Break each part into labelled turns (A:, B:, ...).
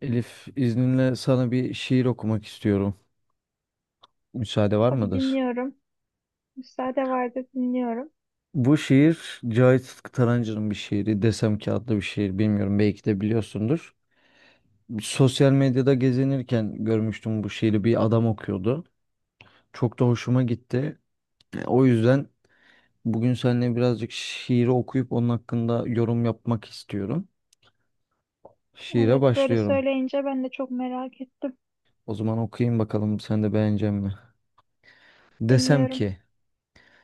A: Elif, izninle sana bir şiir okumak istiyorum. Müsaade var
B: Tabii
A: mıdır?
B: dinliyorum. Müsaade vardı dinliyorum.
A: Bu şiir Cahit Sıtkı Tarancı'nın bir şiiri. Desem ki adlı bir şiir. Bilmiyorum belki de biliyorsundur. Sosyal medyada gezinirken görmüştüm bu şiiri. Bir adam okuyordu. Çok da hoşuma gitti. O yüzden bugün seninle birazcık şiiri okuyup onun hakkında yorum yapmak istiyorum. Şiire
B: Evet böyle
A: başlıyorum.
B: söyleyince ben de çok merak ettim.
A: O zaman okuyayım bakalım sen de beğenecek mi? Desem
B: Dinliyorum.
A: ki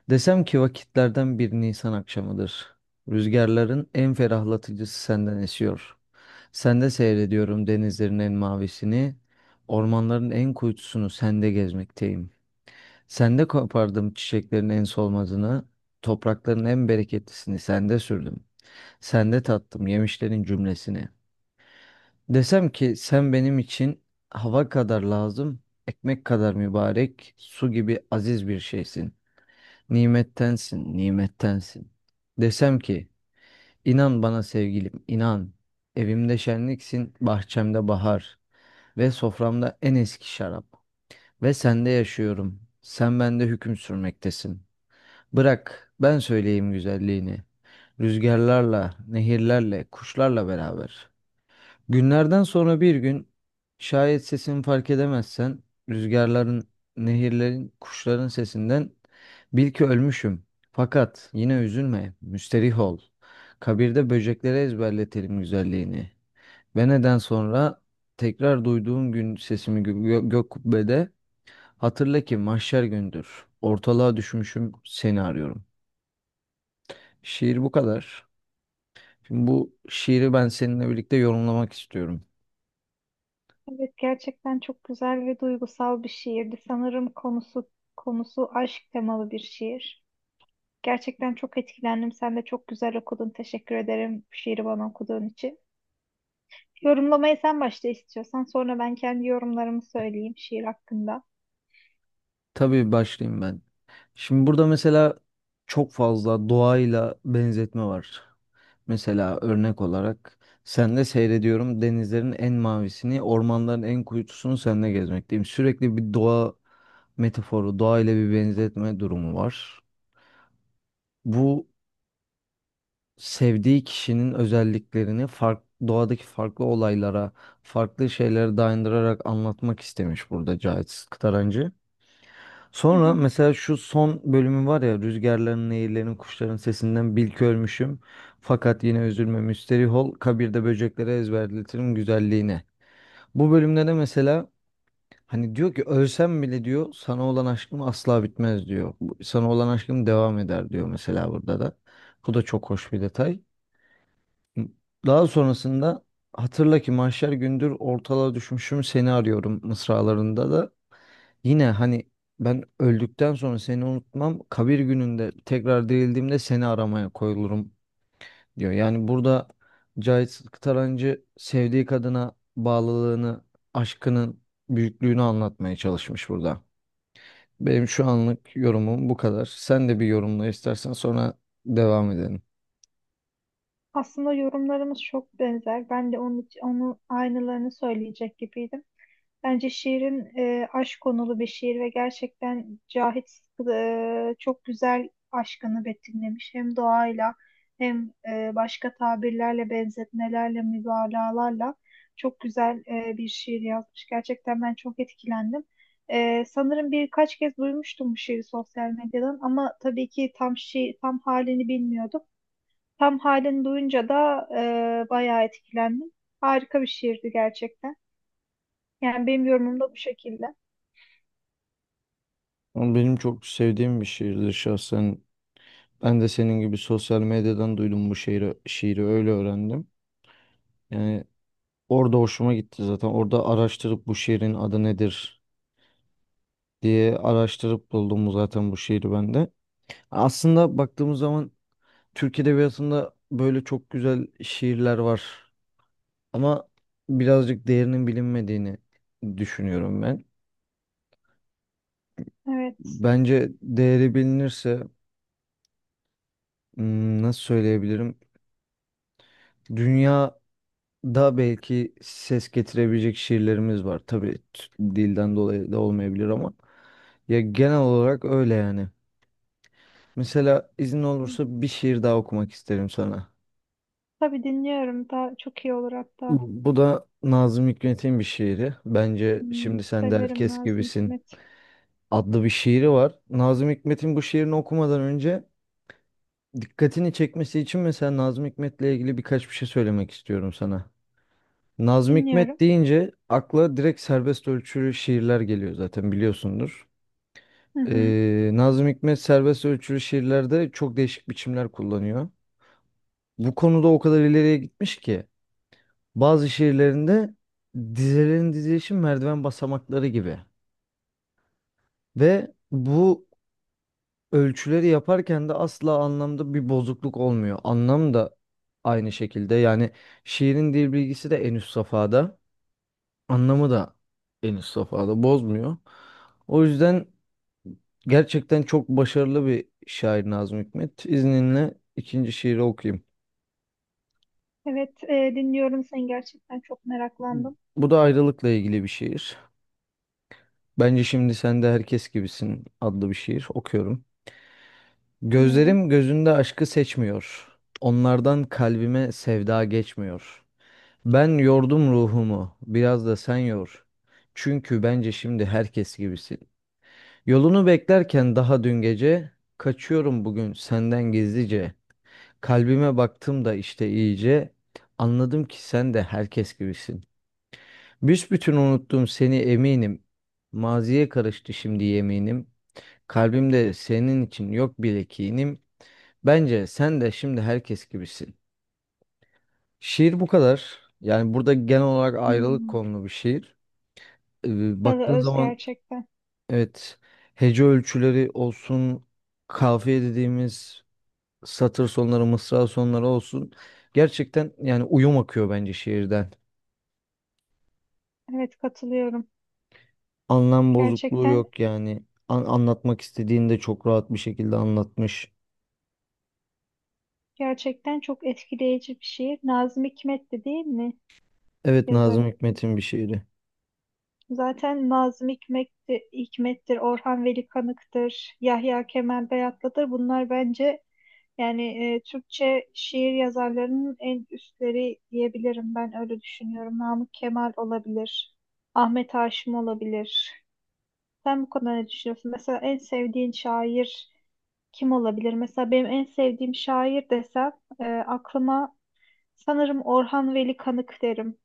A: Desem ki vakitlerden bir Nisan akşamıdır. Rüzgarların en ferahlatıcısı senden esiyor. Sende seyrediyorum denizlerin en mavisini, ormanların en kuytusunu sende gezmekteyim. Sende kopardım çiçeklerin en solmazını, toprakların en bereketlisini sende sürdüm. Sende tattım yemişlerin cümlesini. Desem ki sen benim için hava kadar lazım, ekmek kadar mübarek, su gibi aziz bir şeysin. Nimettensin, nimettensin. Desem ki, inan bana sevgilim, inan. Evimde şenliksin, bahçemde bahar. Ve soframda en eski şarap. Ve sende yaşıyorum, sen bende hüküm sürmektesin. Bırak, ben söyleyeyim güzelliğini. Rüzgarlarla, nehirlerle, kuşlarla beraber. Günlerden sonra bir gün şayet sesini fark edemezsen rüzgarların, nehirlerin, kuşların sesinden bil ki ölmüşüm. Fakat yine üzülme, müsterih ol. Kabirde böceklere ezberletelim güzelliğini. Ve neden sonra tekrar duyduğun gün sesimi gök kubbede hatırla ki mahşer gündür. Ortalığa düşmüşüm, seni arıyorum. Şiir bu kadar. Şimdi bu şiiri ben seninle birlikte yorumlamak istiyorum.
B: Evet gerçekten çok güzel ve duygusal bir şiirdi. Sanırım konusu aşk temalı bir şiir. Gerçekten çok etkilendim. Sen de çok güzel okudun. Teşekkür ederim bu şiiri bana okuduğun için. Yorumlamayı sen başta istiyorsan sonra ben kendi yorumlarımı söyleyeyim şiir hakkında.
A: Tabii başlayayım ben. Şimdi burada mesela çok fazla doğayla benzetme var. Mesela örnek olarak sen de seyrediyorum denizlerin en mavisini, ormanların en kuytusunu seninle gezmekteyim. Sürekli bir doğa metaforu, doğayla bir benzetme durumu var. Bu sevdiği kişinin özelliklerini fark, doğadaki farklı olaylara, farklı şeylere dayandırarak anlatmak istemiş burada Cahit Kıtarancı.
B: Hı
A: Sonra
B: hı.
A: mesela şu son bölümü var ya rüzgarların, nehirlerin, kuşların sesinden bil ki ölmüşüm. Fakat yine üzülme müsterih ol kabirde böceklere ezberletirim güzelliğini. Bu bölümde de mesela hani diyor ki ölsem bile diyor sana olan aşkım asla bitmez diyor. Sana olan aşkım devam eder diyor mesela burada da. Bu da çok hoş bir detay. Daha sonrasında hatırla ki mahşer gündür ortalığa düşmüşüm seni arıyorum mısralarında da yine hani ben öldükten sonra seni unutmam kabir gününde tekrar dirildiğimde seni aramaya koyulurum diyor. Yani burada Cahit Tarancı sevdiği kadına bağlılığını aşkının büyüklüğünü anlatmaya çalışmış burada. Benim şu anlık yorumum bu kadar. Sen de bir yorumla istersen sonra devam edelim.
B: Aslında yorumlarımız çok benzer. Ben de onun aynılarını söyleyecek gibiydim. Bence şiirin aşk konulu bir şiir ve gerçekten Cahit çok güzel aşkını betimlemiş. Hem doğayla hem başka tabirlerle, benzetmelerle, mübalağalarla çok güzel bir şiir yazmış. Gerçekten ben çok etkilendim. Sanırım birkaç kez duymuştum bu şiiri sosyal medyadan ama tabii ki tam halini bilmiyordum. Tam halini duyunca da bayağı etkilendim. Harika bir şiirdi gerçekten. Yani benim yorumum da bu şekilde.
A: Ama benim çok sevdiğim bir şiirdir şahsen. Ben de senin gibi sosyal medyadan duydum bu şiiri, şiiri öyle öğrendim. Yani orada hoşuma gitti zaten. Orada araştırıp bu şiirin adı nedir diye araştırıp buldum zaten bu şiiri ben de. Aslında baktığımız zaman Türk edebiyatında böyle çok güzel şiirler var. Ama birazcık değerinin bilinmediğini düşünüyorum ben.
B: Evet.
A: Bence değeri bilinirse nasıl söyleyebilirim? Dünya Daha belki ses getirebilecek şiirlerimiz var. Tabii dilden dolayı da olmayabilir ama ya genel olarak öyle yani. Mesela izin olursa bir şiir daha okumak isterim sana.
B: Tabii dinliyorum. Daha çok iyi olur hatta.
A: Bu da Nazım Hikmet'in bir şiiri. Bence
B: Hmm,
A: şimdi sen de
B: severim
A: herkes
B: Nazım
A: gibisin
B: Hikmet.
A: adlı bir şiiri var. Nazım Hikmet'in bu şiirini okumadan önce dikkatini çekmesi için mesela Nazım Hikmet'le ilgili birkaç bir şey söylemek istiyorum sana. Nazım
B: Dinliyorum.
A: Hikmet deyince akla direkt serbest ölçülü şiirler geliyor zaten biliyorsundur.
B: Hı hı.
A: Nazım Hikmet serbest ölçülü şiirlerde çok değişik biçimler kullanıyor. Bu konuda o kadar ileriye gitmiş ki bazı şiirlerinde dizelerin dizilişi merdiven basamakları gibi. Ve bu ölçüleri yaparken de asla anlamda bir bozukluk olmuyor. Anlam da aynı şekilde yani şiirin dil bilgisi de en üst safhada, anlamı da en üst safhada bozmuyor. O yüzden gerçekten çok başarılı bir şair Nazım Hikmet. İzninle ikinci şiiri okuyayım.
B: Evet, dinliyorum seni, gerçekten çok meraklandım.
A: Bu da ayrılıkla ilgili bir şiir. Bence şimdi sen de herkes gibisin adlı bir şiir okuyorum.
B: Dinliyorum.
A: Gözlerim gözünde aşkı seçmiyor. Onlardan kalbime sevda geçmiyor. Ben yordum ruhumu, biraz da sen yor. Çünkü bence şimdi herkes gibisin. Yolunu beklerken daha dün gece, kaçıyorum bugün senden gizlice. Kalbime baktım da işte iyice, anladım ki sen de herkes gibisin. Büsbütün unuttum seni eminim, maziye karıştı şimdi yeminim. Kalbimde senin için yok bile kinim, bence sen de şimdi herkes gibisin. Şiir bu kadar. Yani burada genel olarak ayrılık
B: Hmm.
A: konulu bir şiir.
B: Salı
A: Baktığın
B: Öz
A: zaman
B: gerçekten.
A: evet hece ölçüleri olsun, kafiye dediğimiz satır sonları, mısra sonları olsun. Gerçekten yani uyum akıyor bence şiirden.
B: Evet katılıyorum.
A: Anlam bozukluğu
B: Gerçekten
A: yok yani. Anlatmak istediğini de çok rahat bir şekilde anlatmış.
B: gerçekten çok etkileyici bir şiir. Nazım Hikmet'ti değil mi
A: Evet Nazım
B: yazarı?
A: Hikmet'in bir şiiri.
B: Zaten Nazım Hikmet'ti, Hikmet'tir, Orhan Veli Kanık'tır, Yahya Kemal Beyatlı'dır. Bunlar bence yani Türkçe şiir yazarlarının en üstleri diyebilirim. Ben öyle düşünüyorum. Namık Kemal olabilir, Ahmet Haşim olabilir. Sen bu konuda ne düşünüyorsun? Mesela en sevdiğin şair kim olabilir? Mesela benim en sevdiğim şair desem aklıma sanırım Orhan Veli Kanık derim.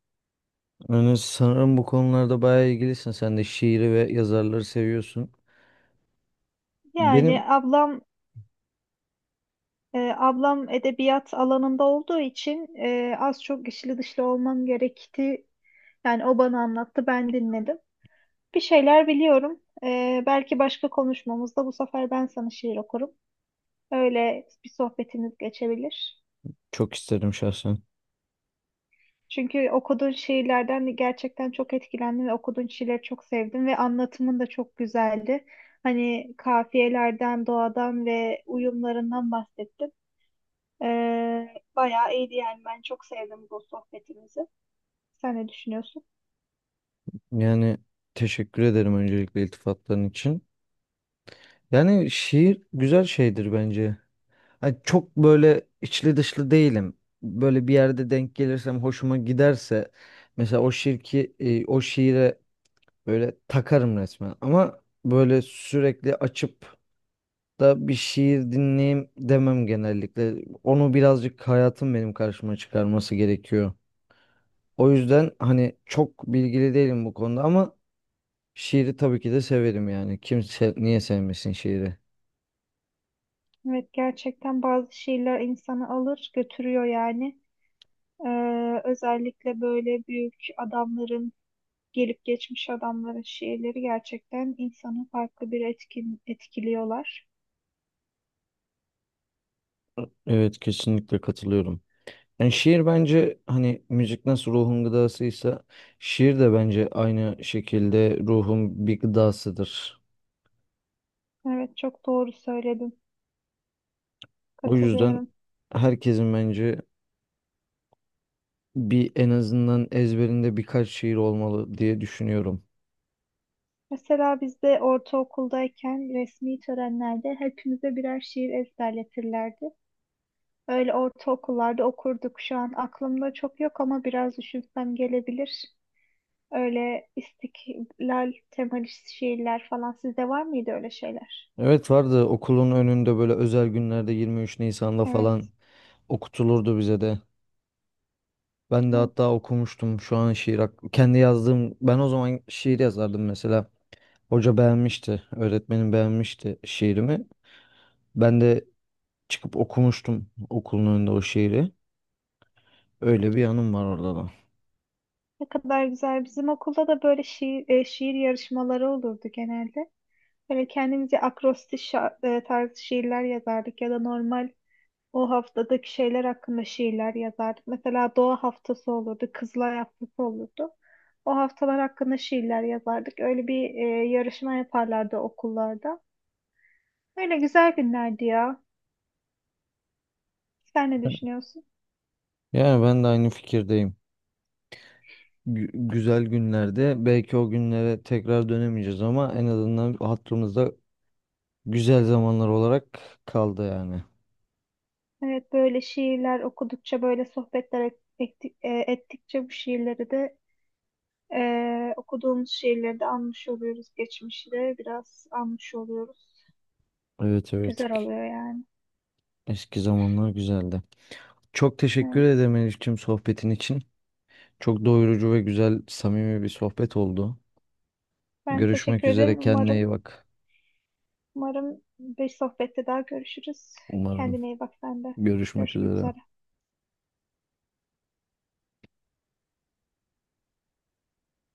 A: Yani sanırım bu konularda bayağı ilgilisin. Sen de şiiri ve yazarları seviyorsun. Benim
B: Yani ablam Ablam edebiyat alanında olduğu için az çok içli dışlı olmam gerekti. Yani o bana anlattı, ben dinledim. Bir şeyler biliyorum. Belki başka konuşmamızda bu sefer ben sana şiir okurum. Öyle bir sohbetimiz geçebilir.
A: Çok isterim şahsen.
B: Çünkü okuduğun şiirlerden gerçekten çok etkilendim ve okuduğun şiirleri çok sevdim ve anlatımın da çok güzeldi. Hani kafiyelerden, doğadan ve uyumlarından bahsettin. Bayağı iyiydi yani. Ben çok sevdim bu sohbetimizi. Sen ne düşünüyorsun?
A: Yani teşekkür ederim öncelikle iltifatların için. Yani şiir güzel şeydir bence. Hani çok böyle içli dışlı değilim. Böyle bir yerde denk gelirsem hoşuma giderse mesela o şiire böyle takarım resmen. Ama böyle sürekli açıp da bir şiir dinleyeyim demem genellikle. Onu birazcık hayatım benim karşıma çıkarması gerekiyor. O yüzden hani çok bilgili değilim bu konuda ama şiiri tabii ki de severim yani. Kimse niye sevmesin şiiri?
B: Evet gerçekten bazı şiirler insanı alır götürüyor yani. Özellikle böyle büyük adamların, gelip geçmiş adamların şiirleri gerçekten insanı farklı bir etkiliyorlar.
A: Evet kesinlikle katılıyorum. Yani şiir bence hani müzik nasıl ruhun gıdasıysa şiir de bence aynı şekilde ruhun bir gıdasıdır.
B: Evet çok doğru söyledin.
A: O yüzden
B: Katılıyorum.
A: herkesin bence bir en azından ezberinde birkaç şiir olmalı diye düşünüyorum.
B: Mesela biz de ortaokuldayken resmi törenlerde hepimize birer şiir ezberletirlerdi. Öyle ortaokullarda okurduk. Şu an aklımda çok yok ama biraz düşünsem gelebilir. Öyle istiklal temalı şiirler falan. Sizde var mıydı öyle şeyler?
A: Evet vardı okulun önünde böyle özel günlerde 23 Nisan'da falan
B: Evet,
A: okutulurdu bize de. Ben de hatta
B: evet.
A: okumuştum şu an şiir kendi yazdığım ben o zaman şiir yazardım mesela. Hoca beğenmişti, öğretmenim beğenmişti şiirimi. Ben de çıkıp okumuştum okulun önünde o şiiri. Öyle bir yanım var orada da.
B: Ne kadar güzel. Bizim okulda da böyle şiir yarışmaları olurdu genelde. Böyle kendimize akrostiş tarzı şiirler yazardık ya da normal o haftadaki şeyler hakkında şiirler yazardık. Mesela doğa haftası olurdu, kızlar haftası olurdu. O haftalar hakkında şiirler yazardık. Öyle bir yarışma yaparlardı okullarda. Öyle güzel günlerdi ya. Sen ne düşünüyorsun?
A: Yani ben de aynı fikirdeyim. Güzel günlerde belki o günlere tekrar dönemeyeceğiz ama en azından hatırımızda güzel zamanlar olarak kaldı yani.
B: Evet böyle şiirler okudukça, böyle sohbetler et- etti- e, ettikçe bu şiirleri de, okuduğumuz şiirleri de anmış oluyoruz. Geçmişi de biraz anmış oluyoruz.
A: Evet, evet.
B: Güzel oluyor yani.
A: Eski zamanlar güzeldi. Çok teşekkür
B: Evet.
A: ederim Elifçim sohbetin için. Çok doyurucu ve güzel, samimi bir sohbet oldu.
B: Ben
A: Görüşmek
B: teşekkür
A: üzere.
B: ederim.
A: Kendine iyi bak.
B: Umarım bir sohbette daha görüşürüz.
A: Umarım
B: Kendine iyi bak sen de.
A: görüşmek
B: Görüşmek
A: üzere.
B: üzere.